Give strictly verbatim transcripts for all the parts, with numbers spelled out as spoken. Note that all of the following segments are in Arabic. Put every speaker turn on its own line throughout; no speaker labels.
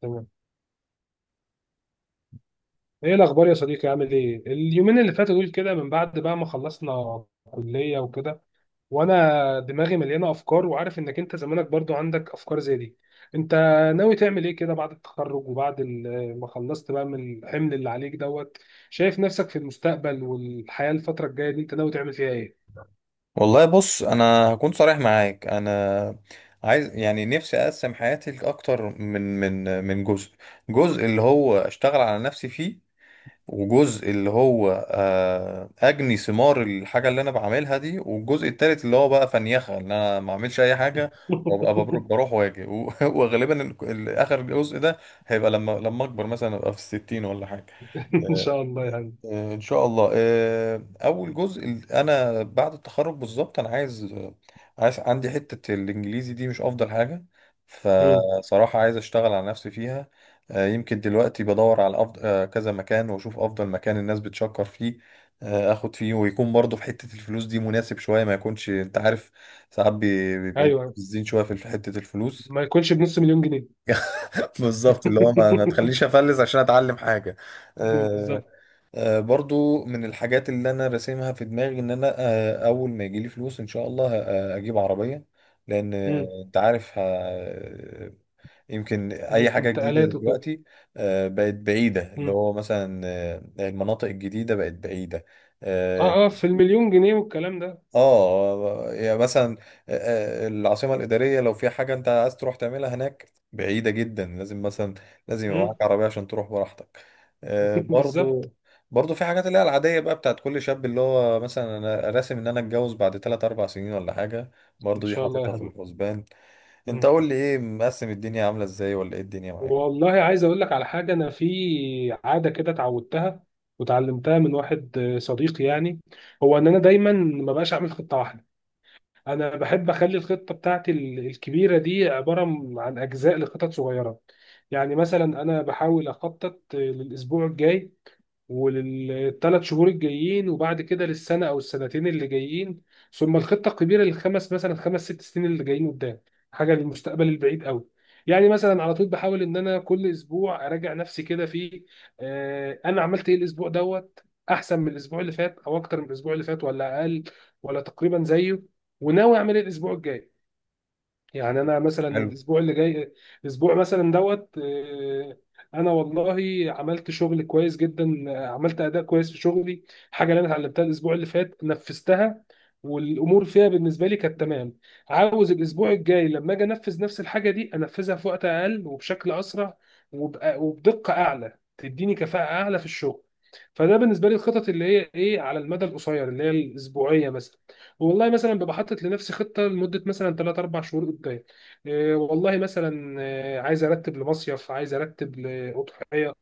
تمام. ايه الاخبار يا صديقي، عامل ايه اليومين اللي فاتوا دول كده من بعد بقى ما خلصنا كلية وكده؟ وانا دماغي مليانة افكار، وعارف انك انت زمانك برضو عندك افكار زي دي. انت ناوي تعمل ايه كده بعد التخرج وبعد ال- ما خلصت بقى من الحمل اللي عليك دوت؟ شايف نفسك في المستقبل والحياة الفترة الجاية دي انت ناوي تعمل فيها ايه؟
والله بص، انا هكون صريح معاك. انا عايز يعني نفسي اقسم حياتي لاكتر من من من جزء. جزء اللي هو اشتغل على نفسي فيه، وجزء اللي هو آه، اجني ثمار الحاجه اللي انا بعملها دي، والجزء التالت اللي هو بقى فنيخه ان انا ما اعملش اي حاجه، وابقى ببر- بروح واجي و- وغالبا ال- ال- اخر جزء ده هيبقى لما لما اكبر، مثلا ابقى في الستين ولا حاجه.
ان شاء
آه،
الله يا حبيبي.
آه، ان شاء الله. آه، اول جزء، ال- انا بعد التخرج بالظبط انا عايز، آه، عايز، عندي حتة الانجليزي دي مش افضل حاجة،
مم.
فصراحة عايز اشتغل على نفسي فيها. آه، يمكن دلوقتي بدور على أفضل، آه، كذا مكان، واشوف افضل مكان الناس بتشكر فيه آه، اخد فيه، ويكون برضه في حتة الفلوس دي مناسب شوية، ما يكونش، انت عارف، ساعات بي- بيبقوا
ايوه،
مستفزين شوية في حتة الفلوس.
ما يكونش بنص مليون جنيه.
بالظبط، اللي هو ما ما تخلينيش افلس عشان اتعلم حاجة. آه،
بالظبط.
آه، برضو من الحاجات اللي انا راسمها في دماغي ان انا، آه، اول ما يجيلي فلوس ان شاء الله، آه، اجيب عربية، لان،
مم.
آه، انت عارف، آه، يمكن اي حاجة جديدة
الانتقالات وكده.
دلوقتي آه، بقت بعيدة، اللي هو مثلا آه، المناطق الجديدة بقت بعيدة. آه،
اه اه، في المليون جنيه والكلام ده.
اه يعني مثلا، آه، آه، العاصمة الإدارية لو في حاجة أنت عايز تروح تعملها هناك بعيدة جدا، لازم مثلا، لازم يبقى
مم.
معاك عربية عشان تروح براحتك. آه،
بالظبط.
برضو، برضو في حاجات اللي هي العادية بقى بتاعت كل شاب، اللي هو مثلا أنا راسم إن أنا أتجوز بعد ثلاث اربع سنين ولا حاجة،
ان
برضو دي
شاء الله يا
حاططها في
حبيبي.
الحسبان. أنت
مم.
قول لي، إيه مقسم الدنيا؟ عاملة إزاي؟ ولا إيه الدنيا معاك؟
والله عايز اقول لك على حاجه. انا في عاده كده اتعودتها، وتعلمتها من واحد آه، صديقي يعني. هو ان انا دايما ما بقاش اعمل خطه واحده. انا بحب اخلي الخطه بتاعتي ال- الكبيره دي عباره م- عن اجزاء لخطط صغيره. يعني مثلا انا بحاول اخطط آه، للاسبوع الجاي، وللثلاث شهور الجايين، وبعد كده للسنة أو السنتين اللي جايين، ثم الخطة الكبيرة للخمس مثلا خمس ست سنين اللي جايين قدام، حاجة للمستقبل البعيد قوي. يعني مثلا على طول بحاول إن أنا كل أسبوع أراجع نفسي كده في آه، أنا عملت إيه الأسبوع دوت، أحسن من الأسبوع اللي فات أو أكتر من الأسبوع اللي فات ولا أقل، ولا تقريبا زيه، وناوي أعمل إيه الأسبوع الجاي. يعني انا مثلا
حلو.
الاسبوع اللي جاي، الاسبوع مثلا دوت آه، انا والله عملت شغل كويس جدا، آه، عملت اداء كويس في شغلي. حاجه اللي انا اتعلمتها الاسبوع اللي فات نفذتها، والامور فيها بالنسبه لي كانت تمام. عاوز الاسبوع الجاي لما اجي انفذ نفس الحاجه دي انفذها في وقت اقل وبشكل اسرع، وبأ- وبدقه اعلى تديني كفاءه اعلى في الشغل. فده بالنسبه لي الخطط اللي هي ايه على المدى القصير، اللي هي الاسبوعيه مثلا. والله مثلا ببقى حاطط لنفسي خطه لمده مثلا ثلاثة أربعة شهور قدام. إيه والله مثلا آه، عايز ارتب لمصيف، عايز ارتب لاضحيه،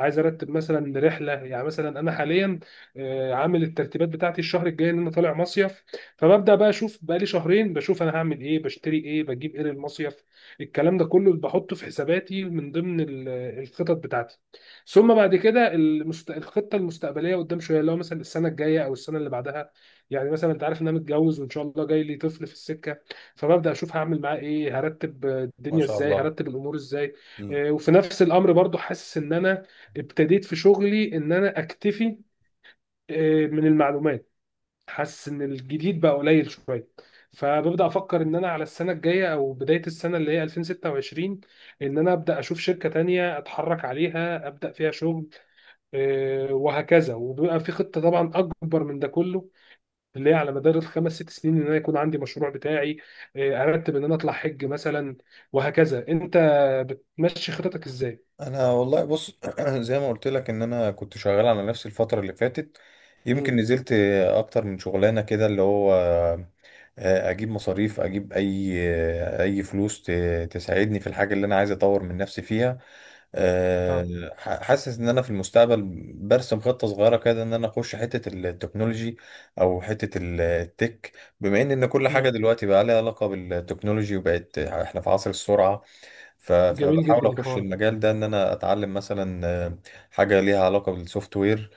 عايز ارتب مثلا رحله. يعني مثلا انا حاليا آه، عامل الترتيبات بتاعتي الشهر الجاي ان انا طالع مصيف. فببدا بقى اشوف، بقالي شهرين بشوف انا هعمل ايه، بشتري ايه، بجيب ايه للمصيف. الكلام ده كله بحطه في حساباتي من ضمن ال- الخطط بتاعتي. ثم بعد كده المست... الخطه المستقبليه قدام شويه، اللي هو مثلا السنه الجايه او السنه اللي بعدها. يعني مثلا انت عارف ان انا متجوز وان شاء الله جاي لي طفل في السكه. فببدا اشوف هعمل معاه ايه، هرتب
ما
الدنيا
شاء
ازاي،
الله.
هرتب الامور ازاي.
إمم.
آه، وفي نفس الامر برضو حاسس ان انا ابتديت في شغلي ان انا اكتفي آه، من المعلومات. حاسس ان الجديد بقى قليل شويه. فببدا افكر ان انا على السنه الجايه او بدايه السنه اللي هي ألفين وستة وعشرين ان انا ابدا اشوف شركه تانية اتحرك عليها ابدا فيها شغل. آه، وهكذا. وبيبقى في خطه طبعا اكبر من ده كله، اللي هي على مدار الخمس ست سنين ان انا يكون عندي مشروع بتاعي، آه، ارتب ان انا اطلع حج مثلا، وهكذا. انت بتمشي خططك ازاي؟
انا والله بص، زي ما قلت لك، ان انا كنت شغال على نفسي الفتره اللي فاتت. يمكن
مم.
نزلت اكتر من شغلانه كده، اللي هو آه، اجيب مصاريف، اجيب اي آه، اي فلوس ت- تساعدني في الحاجه اللي انا عايز اطور من نفسي فيها.
اه.
آه، ح- حاسس ان انا في المستقبل برسم خطه صغيره كده، ان انا اخش حته التكنولوجي او حته ال- التك، بما ان ان كل
مم.
حاجه دلوقتي بقى لها علاقه بالتكنولوجي، وبقت احنا في عصر السرعه. ف-
جميل
فبحاول
جدا
اخش
الحوار
المجال ده، ان انا اتعلم مثلا آه، حاجه ليها علاقه بالسوفت وير،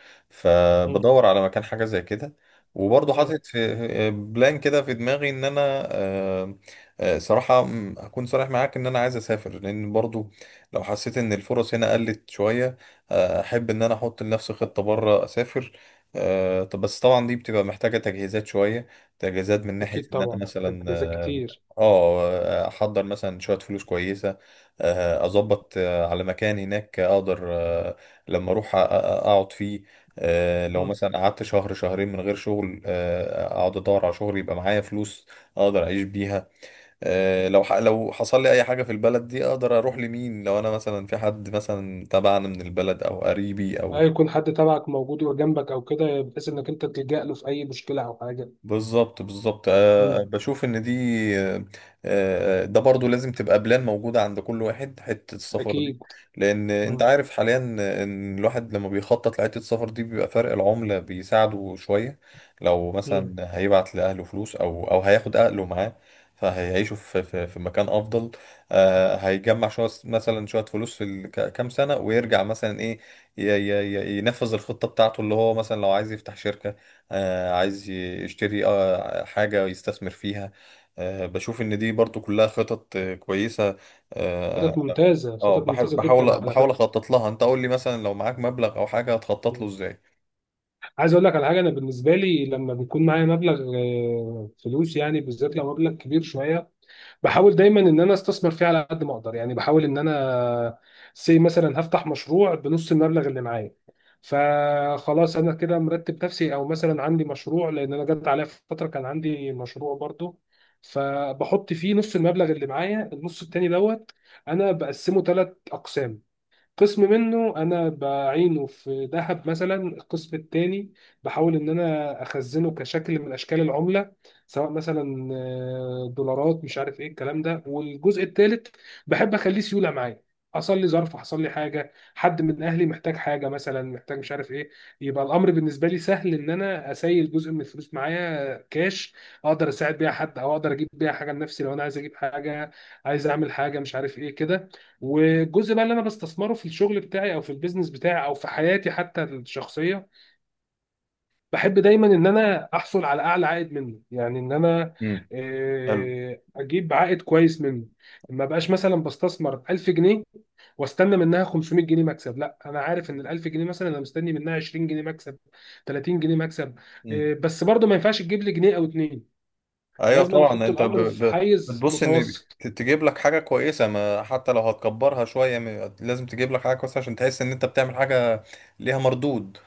ده.
فبدور على مكان حاجه زي كده. وبرضه
مم.
حاطط في في- بلان كده في دماغي ان انا، آه، آه، صراحه م، اكون صريح معاك، ان انا عايز اسافر، لان برضه لو حسيت ان الفرص هنا قلت شويه، آه، احب ان انا احط لنفسي خطه بره، اسافر. آه، طب بس طبعا دي بتبقى محتاجه تجهيزات شويه. تجهيزات من ناحيه
اكيد
ان انا
طبعا،
مثلا
تجهيزات كتير.
اه احضر مثلا شويه فلوس كويسه، آه، اظبط آه، على مكان هناك اقدر آه، لما اروح أ- أ- اقعد فيه. آه، لو
مم.
مثلا قعدت شهر شهرين من غير شغل، آه، اقعد ادور على شغل، يبقى معايا فلوس اقدر اعيش بيها. آه، لو ح- لو حصل لي اي حاجه في البلد دي، اقدر اروح لمين؟ لو انا مثلا في حد مثلا تبعنا من البلد او قريبي
اي،
او.
يكون حد تبعك موجود وجنبك او كده، بحيث انك انت تلجأ له في اي مشكله او حاجه.
بالظبط، بالظبط. أه
مم.
بشوف ان دي آه، آه، ده برضو لازم تبقى بلان موجودة عند كل واحد، حتة السفر دي.
اكيد.
لان انت
مم.
عارف حاليا ان الواحد لما بيخطط لحتة السفر دي، بيبقى فرق العملة بيساعده شوية. لو
مم.
مثلا هيبعت لأهله فلوس، او او هياخد أهله معاه، فهيعيشوا في في في مكان افضل. آه، هيجمع شويه، مثلا شويه فلوس في ال- ك- كام سنه، ويرجع مثلا ايه، ي- ي- ي- ينفذ الخطه بتاعته، اللي هو مثلا لو عايز يفتح شركه، آه، عايز ي- يشتري آه، حاجة يستثمر فيها. آه، بشوف إن دي برضو كلها خطط آه، كويسة. اه
خطط ممتازه،
آه،
خطط
بح-
ممتازه جدا
بحاول
على
بحاول
فكره.
أخطط لها. أنت قول لي مثلا، لو معاك مبلغ أو حاجة، هتخطط له
مم.
إزاي؟
عايز اقول لك على حاجه. انا بالنسبه لي لما بيكون معايا مبلغ آه، فلوس، يعني بالذات لو مبلغ كبير شويه، بحاول دايما ان انا استثمر فيه على قد ما اقدر. يعني بحاول ان انا سي مثلا هفتح مشروع بنص المبلغ اللي معايا، فخلاص انا كده مرتب نفسي، او مثلا عندي مشروع، لان انا جت عليا فتره كان عندي مشروع برضو فبحط فيه نص المبلغ اللي معايا. النص التاني دوت انا بقسمه تلات اقسام. قسم منه انا بعينه في ذهب مثلا. القسم التاني بحاول ان انا اخزنه كشكل من اشكال العمله، سواء مثلا آه، دولارات مش عارف ايه الكلام ده. والجزء التالت بحب اخليه سيوله معايا. حصل لي ظرف، حصل لي حاجه، حد من اهلي محتاج حاجه، مثلا محتاج مش عارف ايه، يبقى الامر بالنسبه لي سهل ان انا اسيل جزء من الفلوس معايا كاش، اقدر اساعد بيها حد او اقدر اجيب بيها حاجه لنفسي لو انا عايز اجيب حاجه، عايز اعمل حاجه مش عارف ايه كده. والجزء بقى اللي انا بستثمره في الشغل بتاعي او في البيزنس بتاعي او في حياتي حتى الشخصيه، بحب دايما ان انا احصل على اعلى عائد منه. يعني ان انا
مم. حلو.
آه، اجيب عائد كويس منه. ما بقاش مثلا بستثمر ألف جنيه واستنى منها خمسمائة جنيه مكسب، لا، انا عارف ان ال ألف جنيه مثلا انا مستني منها عشرين جنيه مكسب، تلاتين جنيه مكسب.
مم.
آه، بس برضه ما ينفعش تجيب لي جنيه او اتنين.
أيوه
لازم أنا
طبعا،
احط
أنت ب...
الامر في
ب...
حيز
بتبص إن
متوسط.
ت- تجيب لك حاجة كويسة، ما حتى لو هتكبرها شوية م- لازم تجيب لك حاجة كويسة عشان تحس إن أنت بتعمل حاجة ليها مردود.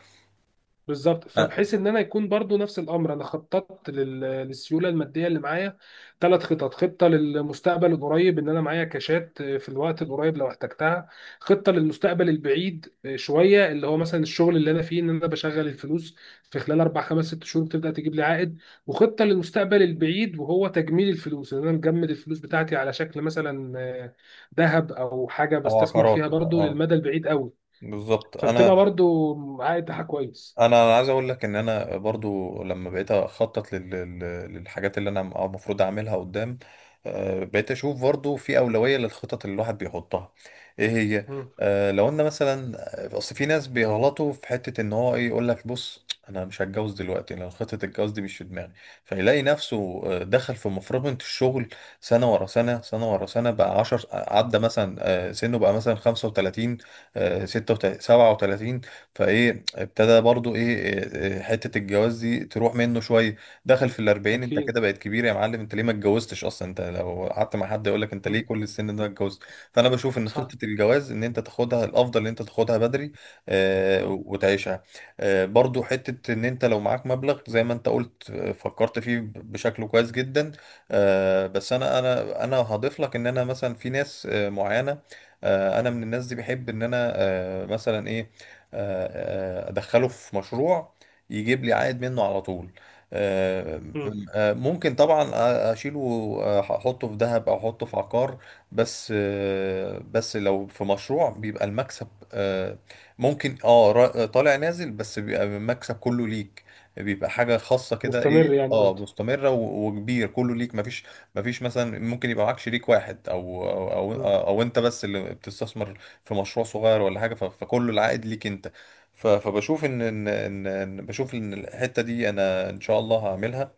بالظبط.
آه،
فبحيث ان انا يكون برضو نفس الامر، انا خططت لل- للسيوله الماديه اللي معايا تلات خطط. خطه للمستقبل القريب ان انا معايا كاشات آه، في الوقت القريب لو احتجتها. خطه للمستقبل البعيد آه، شويه، اللي هو مثلا الشغل اللي انا فيه ان انا بشغل الفلوس في خلال اربع خمس ست شهور بتبدا تجيب لي عائد. وخطه للمستقبل البعيد وهو تجميل الفلوس ان انا مجمد الفلوس بتاعتي على شكل مثلا آه، ذهب او حاجه
أو
بستثمر فيها
عقارات،
برضو
أه.
للمدى البعيد قوي،
بالظبط.
فبتبقى
أنا،
برضو عائد بتاعها كويس.
انا عايز اقول لك ان انا برضو لما بقيت اخطط لل- لل- للحاجات اللي انا المفروض اعملها قدام، آه، بقيت اشوف برضو في اولوية للخطط اللي الواحد بيحطها، ايه هي. آه، لو انا مثلا آه، اصل في ناس بيغلطوا في حتة، ان هو ايه، يقول لك بص انا مش هتجوز دلوقتي لان خطة الجواز دي مش في دماغي. فيلاقي نفسه آه، دخل في مفرمة الشغل، سنة ورا سنة، سنة ورا سنة، بقى عشر عدى، مثلا آه، سنه بقى مثلا خمسة وثلاثين، آه، ستة وتلاتين، سبعة وتلاتين، فايه ابتدى برضو ايه، إيه، إيه، حتة الجواز دي تروح منه شوية. دخل في الأربعين، انت
أكيد.
كده بقت كبير يا معلم. انت ليه ما اتجوزتش اصلا؟ انت لو قعدت مع حد يقولك، انت ليه
مم.
كل السن ده ما اتجوزت؟ فانا بشوف ان
صح.
خطة الجواز، ان انت تاخدها، الافضل ان انت تاخدها بدري آه،
مم.
وتعيشها. آه، برضو حتة ان انت لو معاك مبلغ زي ما انت قلت، آه، فكرت فيه بشكل كويس جدا. آه بس انا انا انا هضيف لك ان انا مثلا في ناس آه معينة، آه انا من الناس دي بحب ان انا آه مثلا ايه، آه، آه، ادخله في مشروع يجيب لي عائد منه على طول. آه،
مم.
آه، ممكن طبعا اشيله، آه، احطه في ذهب او احطه في عقار. بس آه، بس لو في مشروع بيبقى المكسب آه، ممكن اه را- طالع نازل، بس بيبقى المكسب كله ليك، بيبقى حاجة خاصة كده. ايه،
مستمر، يعني
اه،
قصدي.
مستمرة و- وكبير، كله ليك، مفيش مفيش مثلا، ممكن يبقى معاك شريك واحد او او
مم.
او, أو انت بس اللي بتستثمر في مشروع صغير ولا حاجه. ف- فكل العائد ليك انت. ف- فبشوف ان ان ان إن- بشوف ان الحته دي انا ان شاء الله هعملها.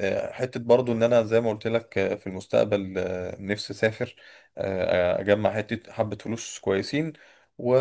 آه، حتة برضو، ان انا زي ما قلت لك آه، في المستقبل آه، نفسي اسافر، آه، اجمع حتة حبة فلوس كويسين، و...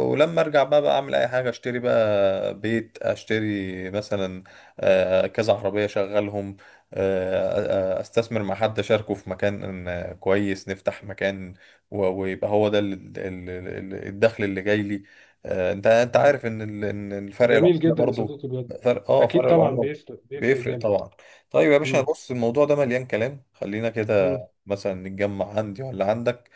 ولما ارجع بقى، بقى اعمل اي حاجة. اشتري بقى بيت، اشتري مثلا آه، كذا عربية اشغلهم، آه، آه، استثمر مع حد، اشاركه في مكان آه، كويس، نفتح مكان، و- ويبقى هو ده ال- ال- ال- الدخل اللي جاي لي. آه، انت، انت
مم.
عارف ان ال- إن الفرق
جميل
العملة
جدا يا
برضو،
صديقي بجد.
فرق، اه
أكيد
فرق
طبعا
العملة
بيفرق، بيفرق
بيفرق
جامد.
طبعا. طيب يا باشا،
مم.
بص الموضوع ده مليان كلام، خلينا كده
مم.
مثلا نتجمع عندي ولا عندك،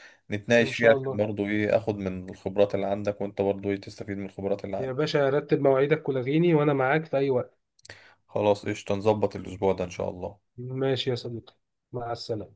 إن
نتناقش فيها
شاء
عشان
الله.
برضه ايه، اخد من الخبرات اللي عندك، وانت برضه ايه، تستفيد من الخبرات اللي
يا
عندي.
باشا رتب مواعيدك ولغيني وأنا معاك في أي وقت.
خلاص، قشطة، نظبط الاسبوع ده ان شاء الله.
ماشي يا صديقي. مع السلامة.